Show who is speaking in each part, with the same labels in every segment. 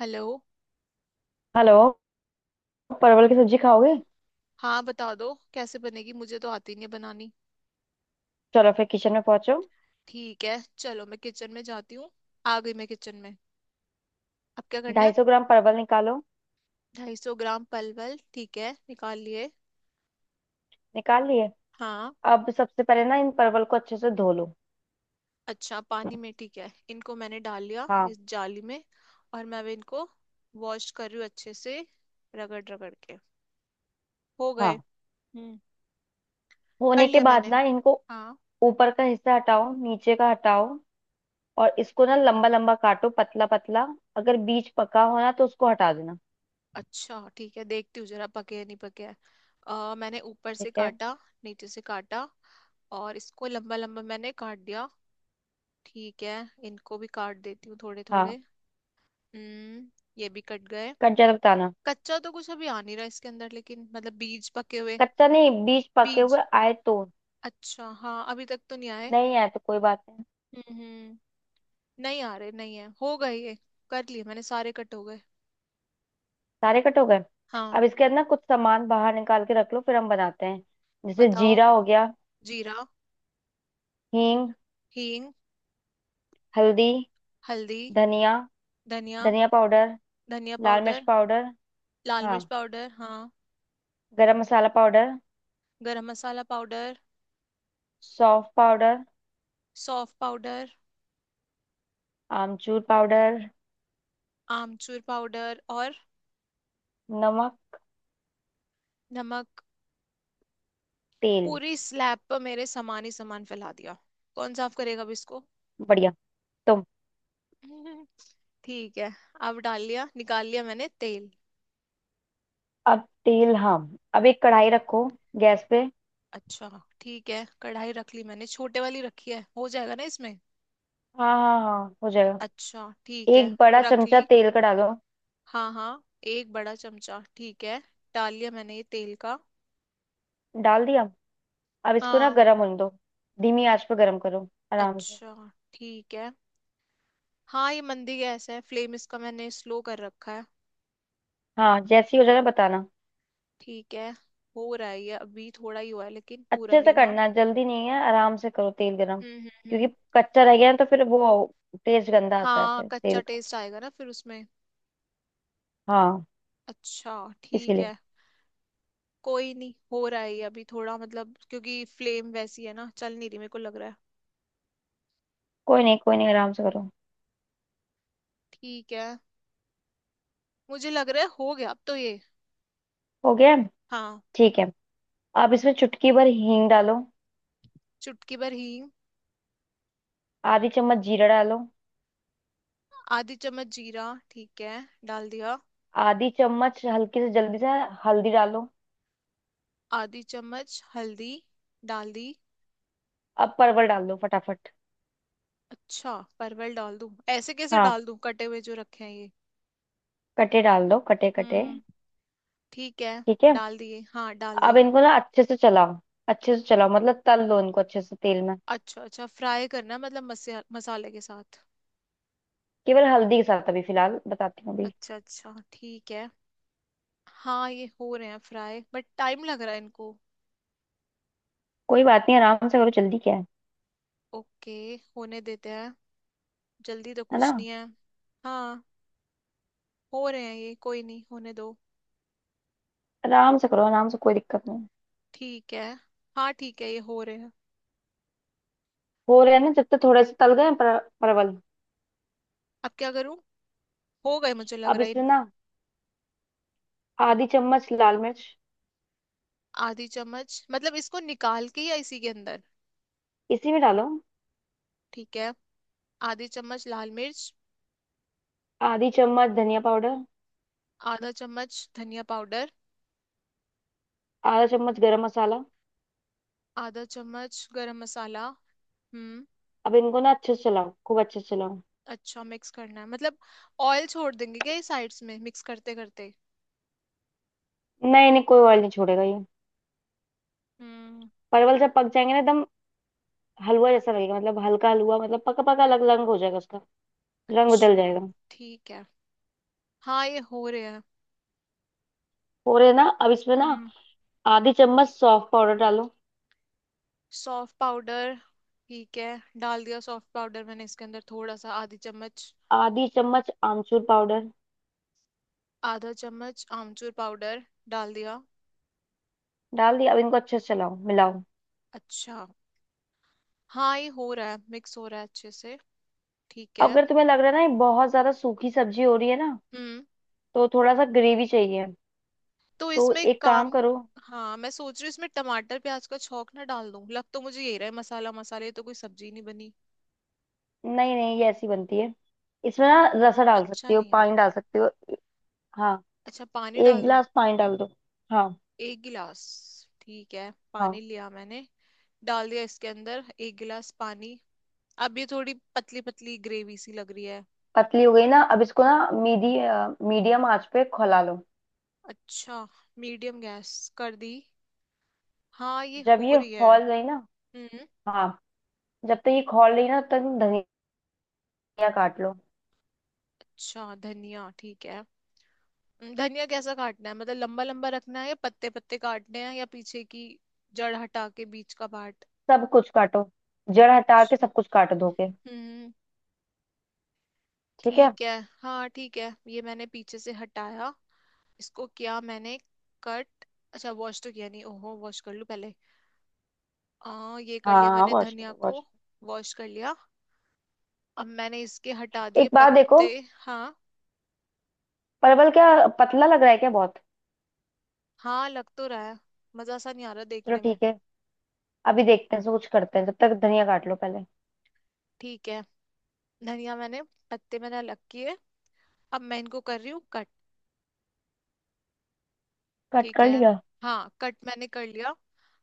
Speaker 1: Hello.
Speaker 2: Hello. परवल की सब्जी खाओगे?
Speaker 1: हाँ, बता दो कैसे बनेगी, मुझे तो आती नहीं है बनानी।
Speaker 2: चलो फिर किचन में पहुंचो।
Speaker 1: ठीक है, चलो मैं किचन में जाती हूँ। आ गई मैं किचन में। अब क्या करना
Speaker 2: ढाई
Speaker 1: है?
Speaker 2: सौ ग्राम परवल निकालो।
Speaker 1: 250 ग्राम पलवल, ठीक है, निकाल लिए।
Speaker 2: निकाल लिए?
Speaker 1: हाँ।
Speaker 2: अब सबसे पहले ना इन परवल को अच्छे से धो लो।
Speaker 1: अच्छा, पानी में, ठीक है, इनको मैंने डाल लिया
Speaker 2: हाँ।
Speaker 1: इस जाली में। और मैं अब इनको वॉश कर रही हूँ अच्छे से, रगड़ रगड़ के। हो गए।
Speaker 2: हाँ,
Speaker 1: हम्म। कर
Speaker 2: होने के
Speaker 1: लिया
Speaker 2: बाद
Speaker 1: मैंने।
Speaker 2: ना इनको
Speaker 1: हाँ।
Speaker 2: ऊपर का हिस्सा हटाओ, नीचे का हटाओ, और इसको ना लंबा लंबा काटो, पतला पतला। अगर बीज पका हो ना तो उसको हटा देना।
Speaker 1: अच्छा ठीक है, देखती हूँ जरा पके है नहीं पके है। मैंने ऊपर से
Speaker 2: ठीक है।
Speaker 1: काटा। नीचे से काटा। और इसको लंबा लंबा मैंने काट दिया। ठीक है। इनको भी काट देती हूँ थोड़े
Speaker 2: हाँ।
Speaker 1: थोड़े। हम्म। ये भी कट गए।
Speaker 2: कट जाए तो बताना।
Speaker 1: कच्चा तो कुछ अभी आ नहीं रहा इसके अंदर, लेकिन मतलब बीज पके हुए।
Speaker 2: कच्चा नहीं, बीज पके
Speaker 1: बीज।
Speaker 2: हुए आए तो?
Speaker 1: अच्छा, हाँ, अभी तक तो नहीं आए।
Speaker 2: नहीं आए तो कोई बात।
Speaker 1: हम्म। नहीं आ रहे, नहीं है, हो गए ये। कर लिए मैंने, सारे कट हो गए।
Speaker 2: सारे कट हो गए?
Speaker 1: हाँ।
Speaker 2: अब इसके अंदर ना कुछ सामान बाहर निकाल के रख लो फिर हम बनाते हैं। जैसे
Speaker 1: बताओ।
Speaker 2: जीरा हो गया,
Speaker 1: जीरा।
Speaker 2: हींग,
Speaker 1: हींग।
Speaker 2: हल्दी,
Speaker 1: हल्दी।
Speaker 2: धनिया,
Speaker 1: धनिया।
Speaker 2: धनिया पाउडर,
Speaker 1: धनिया
Speaker 2: लाल मिर्च
Speaker 1: पाउडर।
Speaker 2: पाउडर।
Speaker 1: लाल
Speaker 2: हाँ।
Speaker 1: मिर्च पाउडर। हाँ।
Speaker 2: गरम मसाला पाउडर,
Speaker 1: गरम मसाला पाउडर।
Speaker 2: सौंफ पाउडर,
Speaker 1: सौंफ पाउडर।
Speaker 2: आमचूर पाउडर,
Speaker 1: आमचूर पाउडर और।
Speaker 2: नमक,
Speaker 1: नमक।
Speaker 2: तेल।
Speaker 1: पूरी स्लैब पर मेरे सामान ही सामान फैला दिया। कौन साफ करेगा अब इसको?
Speaker 2: बढ़िया। तो
Speaker 1: ठीक है। अब डाल लिया निकाल लिया मैंने तेल।
Speaker 2: अब तेल। हाँ, अब एक कढ़ाई रखो, गैस पे।
Speaker 1: अच्छा ठीक है, कढ़ाई रख ली मैंने, छोटे वाली रखी है, हो जाएगा ना इसमें?
Speaker 2: हाँ हाँ हाँ, हो जाएगा।
Speaker 1: अच्छा ठीक है,
Speaker 2: एक बड़ा
Speaker 1: रख
Speaker 2: चमचा
Speaker 1: ली।
Speaker 2: तेल का डालो।
Speaker 1: हाँ हाँ। एक बड़ा चमचा, ठीक है। डाल लिया मैंने ये तेल का।
Speaker 2: डाल दिया? अब इसको ना
Speaker 1: हाँ।
Speaker 2: गर्म होने दो। धीमी आंच पर गर्म करो, आराम से।
Speaker 1: अच्छा ठीक है। हाँ ये मंदी गैस है, फ्लेम इसका मैंने स्लो कर रखा है।
Speaker 2: हाँ, जैसे ही हो जाए ना बताना।
Speaker 1: ठीक है। हो रहा है, ये अभी थोड़ा ही हुआ है लेकिन पूरा
Speaker 2: अच्छे
Speaker 1: नहीं
Speaker 2: से
Speaker 1: हुआ।
Speaker 2: करना है, जल्दी नहीं है, आराम से करो तेल गरम। क्योंकि
Speaker 1: हम्म।
Speaker 2: कच्चा रह गया है तो फिर वो टेस्ट गंदा आता है
Speaker 1: हाँ,
Speaker 2: फिर
Speaker 1: कच्चा
Speaker 2: तेल का।
Speaker 1: टेस्ट आएगा ना फिर उसमें।
Speaker 2: हाँ,
Speaker 1: अच्छा ठीक
Speaker 2: इसीलिए।
Speaker 1: है। कोई नहीं, हो रहा है ये, अभी थोड़ा मतलब क्योंकि फ्लेम वैसी है ना, चल नहीं रही, मेरे को लग रहा है।
Speaker 2: कोई नहीं कोई नहीं, आराम से करो।
Speaker 1: ठीक है। मुझे लग रहा है हो गया अब तो ये।
Speaker 2: हो गया है?
Speaker 1: हाँ।
Speaker 2: ठीक है। अब इसमें चुटकी भर हींग डालो।
Speaker 1: चुटकी भर हींग।
Speaker 2: आधी चम्मच जीरा डालो।
Speaker 1: आधी चम्मच जीरा। ठीक है, डाल दिया।
Speaker 2: आधी चम्मच हल्की से जल्दी से हल्दी डालो।
Speaker 1: आधी चम्मच हल्दी। डाल दी।
Speaker 2: अब परवल डाल दो फटाफट।
Speaker 1: अच्छा, परवल डाल दूं? ऐसे कैसे
Speaker 2: हाँ,
Speaker 1: डाल दूं, कटे हुए जो रखे हैं ये।
Speaker 2: कटे डाल दो, कटे कटे।
Speaker 1: हम्म। ठीक है।
Speaker 2: ठीक है।
Speaker 1: डाल दिए, हाँ डाल
Speaker 2: अब
Speaker 1: दिए।
Speaker 2: इनको ना अच्छे से चलाओ। अच्छे से चलाओ मतलब तल लो इनको अच्छे से तेल में।
Speaker 1: अच्छा अच्छा, फ्राई करना है, मतलब मसाले के साथ।
Speaker 2: केवल हल्दी के साथ अभी फिलहाल, बताती हूँ अभी।
Speaker 1: अच्छा अच्छा ठीक है। हाँ ये हो रहे हैं फ्राई, बट टाइम लग रहा है इनको।
Speaker 2: कोई बात नहीं, आराम से करो, जल्दी क्या है।
Speaker 1: ओके। होने देते हैं। जल्दी तो
Speaker 2: है ना?
Speaker 1: कुछ नहीं है। हाँ हो रहे हैं ये, कोई नहीं, होने दो।
Speaker 2: आराम से करो आराम से, कोई दिक्कत नहीं।
Speaker 1: ठीक है। हाँ ठीक है, ये हो रहे हैं।
Speaker 2: हो रहे हैं ना, जब तक थोड़े से तल गए परवल।
Speaker 1: अब क्या करूँ? हो गए मुझे लग
Speaker 2: अब
Speaker 1: रहा है।
Speaker 2: इसमें ना आधी चम्मच लाल मिर्च।
Speaker 1: आधी चम्मच मतलब इसको निकाल के या इसी के अंदर?
Speaker 2: इसी में डालो।
Speaker 1: ठीक है। आधी चम्मच लाल मिर्च।
Speaker 2: आधी चम्मच धनिया पाउडर,
Speaker 1: आधा चम्मच धनिया पाउडर।
Speaker 2: आधा चम्मच गरम मसाला।
Speaker 1: आधा चम्मच गरम मसाला। हम्म।
Speaker 2: अब इनको ना अच्छे से चलाओ, खूब अच्छे से चलाओ।
Speaker 1: अच्छा, मिक्स करना है मतलब? ऑयल छोड़ देंगे क्या ये साइड्स में मिक्स करते करते?
Speaker 2: नहीं नहीं, कोई ऑयल नहीं छोड़ेगा ये।
Speaker 1: हम्म।
Speaker 2: परवल जब पक जाएंगे ना एकदम हलवा जैसा लगेगा, मतलब हल्का हलवा, मतलब पका पका, अलग रंग हो जाएगा उसका, रंग बदल
Speaker 1: अच्छा
Speaker 2: जाएगा।
Speaker 1: ठीक है। हाँ ये हो रहे हैं।
Speaker 2: हो रहे हैं ना? अब इसमें ना
Speaker 1: हम्म।
Speaker 2: आधी चम्मच सौंफ पाउडर डालो।
Speaker 1: सौंफ पाउडर, ठीक है। डाल दिया सौंफ पाउडर मैंने इसके अंदर, थोड़ा सा, आधी चम्मच।
Speaker 2: आधी चम्मच आमचूर पाउडर।
Speaker 1: आधा चम्मच आमचूर पाउडर। डाल दिया।
Speaker 2: डाल दिया? अब इनको अच्छे से चलाओ, मिलाओ।
Speaker 1: अच्छा। हाँ ये हो रहा है, मिक्स हो रहा है अच्छे से। ठीक
Speaker 2: अब
Speaker 1: है।
Speaker 2: अगर तुम्हें लग रहा है ना ये बहुत ज्यादा सूखी सब्जी हो रही है ना
Speaker 1: हम्म।
Speaker 2: तो थोड़ा सा ग्रेवी चाहिए,
Speaker 1: तो
Speaker 2: तो
Speaker 1: इसमें
Speaker 2: एक काम
Speaker 1: काम।
Speaker 2: करो।
Speaker 1: हाँ, मैं सोच रही हूँ इसमें टमाटर प्याज का छौंक ना डाल दूं? लग तो मुझे यही रहा है, मसाला मसाले तो कोई सब्जी नहीं बनी।
Speaker 2: नहीं नहीं, ये ऐसी बनती है। इसमें ना
Speaker 1: हम्म,
Speaker 2: रसा डाल
Speaker 1: अच्छा
Speaker 2: सकती हो,
Speaker 1: नहीं है
Speaker 2: पानी डाल
Speaker 1: बल्कि।
Speaker 2: सकती हो। हाँ,
Speaker 1: अच्छा, पानी
Speaker 2: एक
Speaker 1: डाल दूं?
Speaker 2: गिलास पानी डाल दो। हाँ
Speaker 1: एक गिलास, ठीक है, पानी
Speaker 2: हाँ।
Speaker 1: लिया मैंने। डाल दिया इसके अंदर एक गिलास पानी। अब ये थोड़ी पतली पतली ग्रेवी सी लग रही है।
Speaker 2: पतली हो गई ना? अब इसको ना मीडी मीडियम आंच पे खौला लो।
Speaker 1: अच्छा। मीडियम गैस कर दी। हाँ ये
Speaker 2: जब
Speaker 1: हो
Speaker 2: ये
Speaker 1: रही है।
Speaker 2: खौल गई ना,
Speaker 1: हम्म।
Speaker 2: हाँ, जब तक ये खौल रही ना तब तक धनिया काट लो।
Speaker 1: अच्छा धनिया, ठीक है। धनिया कैसा काटना है, मतलब लंबा लंबा रखना है, या पत्ते पत्ते काटने हैं, या पीछे की जड़ हटा के बीच का पार्ट?
Speaker 2: सब कुछ काटो, जड़ हटा के
Speaker 1: अच्छा।
Speaker 2: सब कुछ काट दो के।
Speaker 1: हम्म।
Speaker 2: ठीक है।
Speaker 1: ठीक है। हाँ ठीक है, ये मैंने पीछे से हटाया। इसको किया मैंने कट। अच्छा, वॉश तो किया नहीं, ओहो, वॉश कर लूँ पहले। ये कर लिया
Speaker 2: हाँ,
Speaker 1: मैंने
Speaker 2: वॉश
Speaker 1: धनिया
Speaker 2: करो,
Speaker 1: को।
Speaker 2: वॉश।
Speaker 1: वॉश कर लिया। अब मैंने इसके हटा दिए
Speaker 2: एक बात देखो,
Speaker 1: पत्ते। हाँ।
Speaker 2: परवल क्या पतला लग रहा है क्या बहुत?
Speaker 1: हाँ, लग तो रहा है, मजा सा नहीं आ रहा
Speaker 2: चलो
Speaker 1: देखने में।
Speaker 2: ठीक है, अभी देखते हैं इसको कुछ करते हैं, जब तक धनिया काट लो पहले।
Speaker 1: ठीक है। धनिया मैंने पत्ते मैंने अलग किए। अब मैं इनको कर रही हूँ।
Speaker 2: कट
Speaker 1: ठीक
Speaker 2: कर
Speaker 1: है।
Speaker 2: लिया?
Speaker 1: हाँ, कट मैंने कर लिया।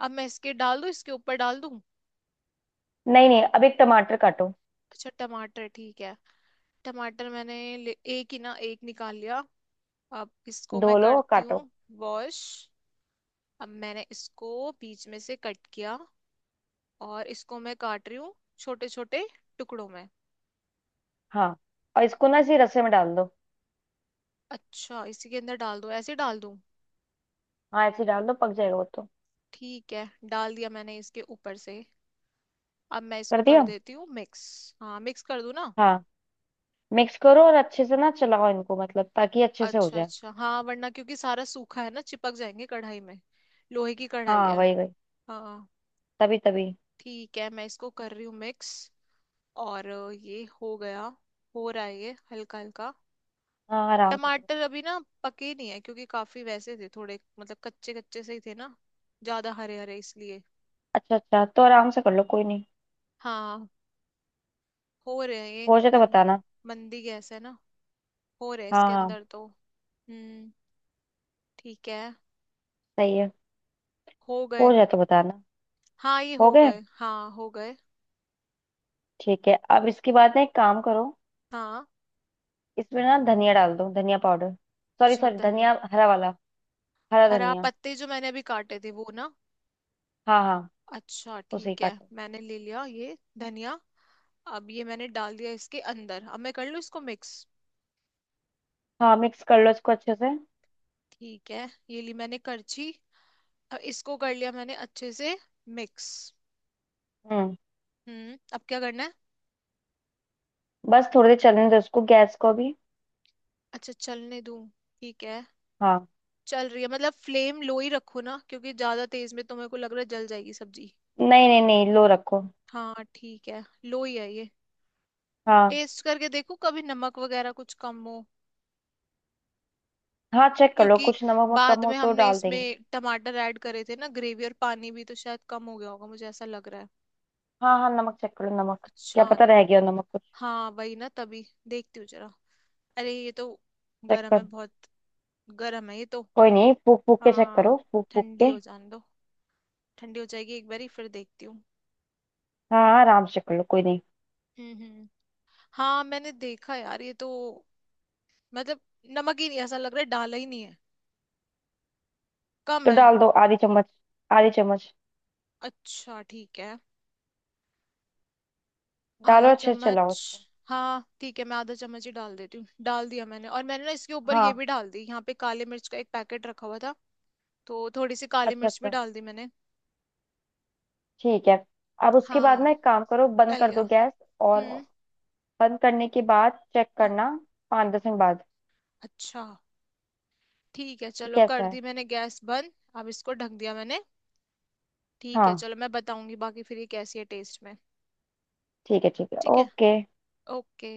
Speaker 1: अब मैं इसके डाल दूँ, इसके ऊपर डाल दूँ?
Speaker 2: नहीं नहीं, अब एक टमाटर काटो।
Speaker 1: अच्छा टमाटर, ठीक है। टमाटर मैंने एक ही ना, एक निकाल लिया। अब इसको
Speaker 2: धो
Speaker 1: मैं
Speaker 2: लो और
Speaker 1: करती
Speaker 2: काटो।
Speaker 1: हूँ वॉश। अब मैंने इसको बीच में से कट किया, और इसको मैं काट रही हूँ छोटे छोटे टुकड़ों में।
Speaker 2: हाँ, और इसको ना इसी रस्से में डाल दो।
Speaker 1: अच्छा इसी के अंदर डाल दूँ, ऐसे डाल दूँ?
Speaker 2: हाँ ऐसे ही डाल दो, पक जाएगा वो तो।
Speaker 1: ठीक है, डाल दिया मैंने इसके ऊपर से। अब मैं इसको
Speaker 2: कर
Speaker 1: कर
Speaker 2: दिया?
Speaker 1: देती हूँ मिक्स। हाँ, मिक्स कर दूँ ना?
Speaker 2: हाँ मिक्स करो, और अच्छे से ना चलाओ इनको, मतलब ताकि अच्छे से हो
Speaker 1: अच्छा
Speaker 2: जाए।
Speaker 1: अच्छा हाँ, वरना क्योंकि सारा सूखा है ना, चिपक जाएंगे कढ़ाई में, लोहे की कढ़ाई
Speaker 2: हाँ,
Speaker 1: है।
Speaker 2: वही वही,
Speaker 1: हाँ।
Speaker 2: तभी तभी।
Speaker 1: ठीक है, मैं इसको कर रही हूँ मिक्स। और ये हो गया। हो रहा है ये हल्का हल्का।
Speaker 2: हाँ आराम से करो।
Speaker 1: टमाटर अभी ना पके नहीं है, क्योंकि काफी वैसे थे थोड़े, मतलब कच्चे कच्चे से ही थे ना, ज्यादा हरे हरे, इसलिए।
Speaker 2: अच्छा अच्छा, तो आराम से कर लो, कोई नहीं।
Speaker 1: हाँ। हो रहे हैं ये
Speaker 2: हो जाए तो
Speaker 1: मन,
Speaker 2: बताना।
Speaker 1: मंदी गैस है ना, हो रहे हैं
Speaker 2: हाँ
Speaker 1: इसके
Speaker 2: हाँ।
Speaker 1: अंदर तो। हम्म। ठीक है।
Speaker 2: सही है।
Speaker 1: हो गए।
Speaker 2: हो जाए तो बताना।
Speaker 1: हाँ ये
Speaker 2: हो
Speaker 1: हो
Speaker 2: गए?
Speaker 1: गए, हाँ हो गए।
Speaker 2: ठीक है, अब इसके बाद ना एक काम करो,
Speaker 1: हाँ।
Speaker 2: इसमें ना धनिया डाल दो, धनिया पाउडर, सॉरी
Speaker 1: अच्छा
Speaker 2: सॉरी,
Speaker 1: धनिया।
Speaker 2: धनिया हरा वाला, हरा
Speaker 1: हरा
Speaker 2: धनिया।
Speaker 1: पत्ते जो मैंने अभी काटे थे वो ना।
Speaker 2: हाँ हाँ,
Speaker 1: अच्छा
Speaker 2: उसे ही
Speaker 1: ठीक है,
Speaker 2: काटो।
Speaker 1: मैंने ले लिया ये धनिया। अब ये मैंने डाल दिया इसके अंदर, अब मैं कर लूँ इसको मिक्स।
Speaker 2: हाँ, मिक्स कर लो इसको अच्छे से।
Speaker 1: ठीक है, ये ली मैंने करछी। अब इसको कर लिया मैंने अच्छे से मिक्स।
Speaker 2: हम्म।
Speaker 1: हम्म। अब क्या करना है?
Speaker 2: बस थोड़ी देर चलने दो, इसको गैस को भी।
Speaker 1: अच्छा, चलने दूँ, ठीक है।
Speaker 2: हाँ।
Speaker 1: चल रही है, मतलब फ्लेम लो ही रखो ना, क्योंकि ज्यादा तेज में तो मेरे को लग रहा है जल जाएगी सब्जी।
Speaker 2: नहीं नहीं नहीं, लो रखो।
Speaker 1: हाँ ठीक है, लो ही है ये।
Speaker 2: हाँ,
Speaker 1: टेस्ट करके देखो कभी, नमक वगैरह कुछ कम हो।
Speaker 2: हाँ चेक कर लो,
Speaker 1: क्योंकि
Speaker 2: कुछ नमक वमक कम
Speaker 1: बाद
Speaker 2: हो
Speaker 1: में
Speaker 2: तो
Speaker 1: हमने
Speaker 2: डाल देंगे।
Speaker 1: इसमें टमाटर ऐड करे थे ना, ग्रेवी और पानी भी, तो शायद कम हो गया होगा, मुझे ऐसा लग रहा है।
Speaker 2: हाँ हाँ, नमक चेक कर लो नमक। क्या
Speaker 1: अच्छा।
Speaker 2: पता रह गया हो नमक कुछ।
Speaker 1: हाँ वही ना, तभी देखती हूँ जरा। अरे ये तो
Speaker 2: चेक
Speaker 1: गर्म है
Speaker 2: कर।
Speaker 1: बहुत, गर्म है ये तो।
Speaker 2: कोई नहीं, फूक फूक के चेक
Speaker 1: हाँ,
Speaker 2: करो, फूक फूक
Speaker 1: ठंडी
Speaker 2: के।
Speaker 1: हो जाने दो, ठंडी हो जाएगी एक बारी फिर देखती हूँ।
Speaker 2: हाँ हाँ, आराम से कर लो, कोई नहीं।
Speaker 1: हम्म। हाँ, मैंने देखा यार, ये तो मतलब नमक ही नहीं, ऐसा लग रहा है डाला ही नहीं है, कम
Speaker 2: तो
Speaker 1: है।
Speaker 2: डाल दो आधी चम्मच, आधी चम्मच।
Speaker 1: अच्छा ठीक है।
Speaker 2: डालो
Speaker 1: आधा
Speaker 2: अच्छे से चलाओ
Speaker 1: चम्मच,
Speaker 2: उसको।
Speaker 1: हाँ ठीक है, मैं आधा चम्मच ही डाल देती हूँ। डाल दिया मैंने, और मैंने ना इसके ऊपर ये
Speaker 2: हाँ।
Speaker 1: भी डाल दी, यहाँ पे काली मिर्च का एक पैकेट रखा हुआ था, तो थोड़ी सी काली
Speaker 2: अच्छा
Speaker 1: मिर्च भी
Speaker 2: अच्छा,
Speaker 1: डाल दी मैंने।
Speaker 2: ठीक है, अब उसके बाद
Speaker 1: हाँ।
Speaker 2: ना एक काम करो, बंद
Speaker 1: डल
Speaker 2: कर दो
Speaker 1: गया।
Speaker 2: गैस। और
Speaker 1: हम्म।
Speaker 2: बंद करने के बाद चेक
Speaker 1: हाँ।
Speaker 2: करना, 5-10 मिनट बाद,
Speaker 1: अच्छा ठीक है,
Speaker 2: कि
Speaker 1: चलो
Speaker 2: कैसा
Speaker 1: कर
Speaker 2: है।
Speaker 1: दी मैंने गैस बंद, अब इसको ढक दिया मैंने। ठीक है,
Speaker 2: हाँ,
Speaker 1: चलो मैं बताऊंगी बाकी फिर ये कैसी है टेस्ट में।
Speaker 2: ठीक है ठीक है,
Speaker 1: ठीक है।
Speaker 2: ओके।
Speaker 1: ओके।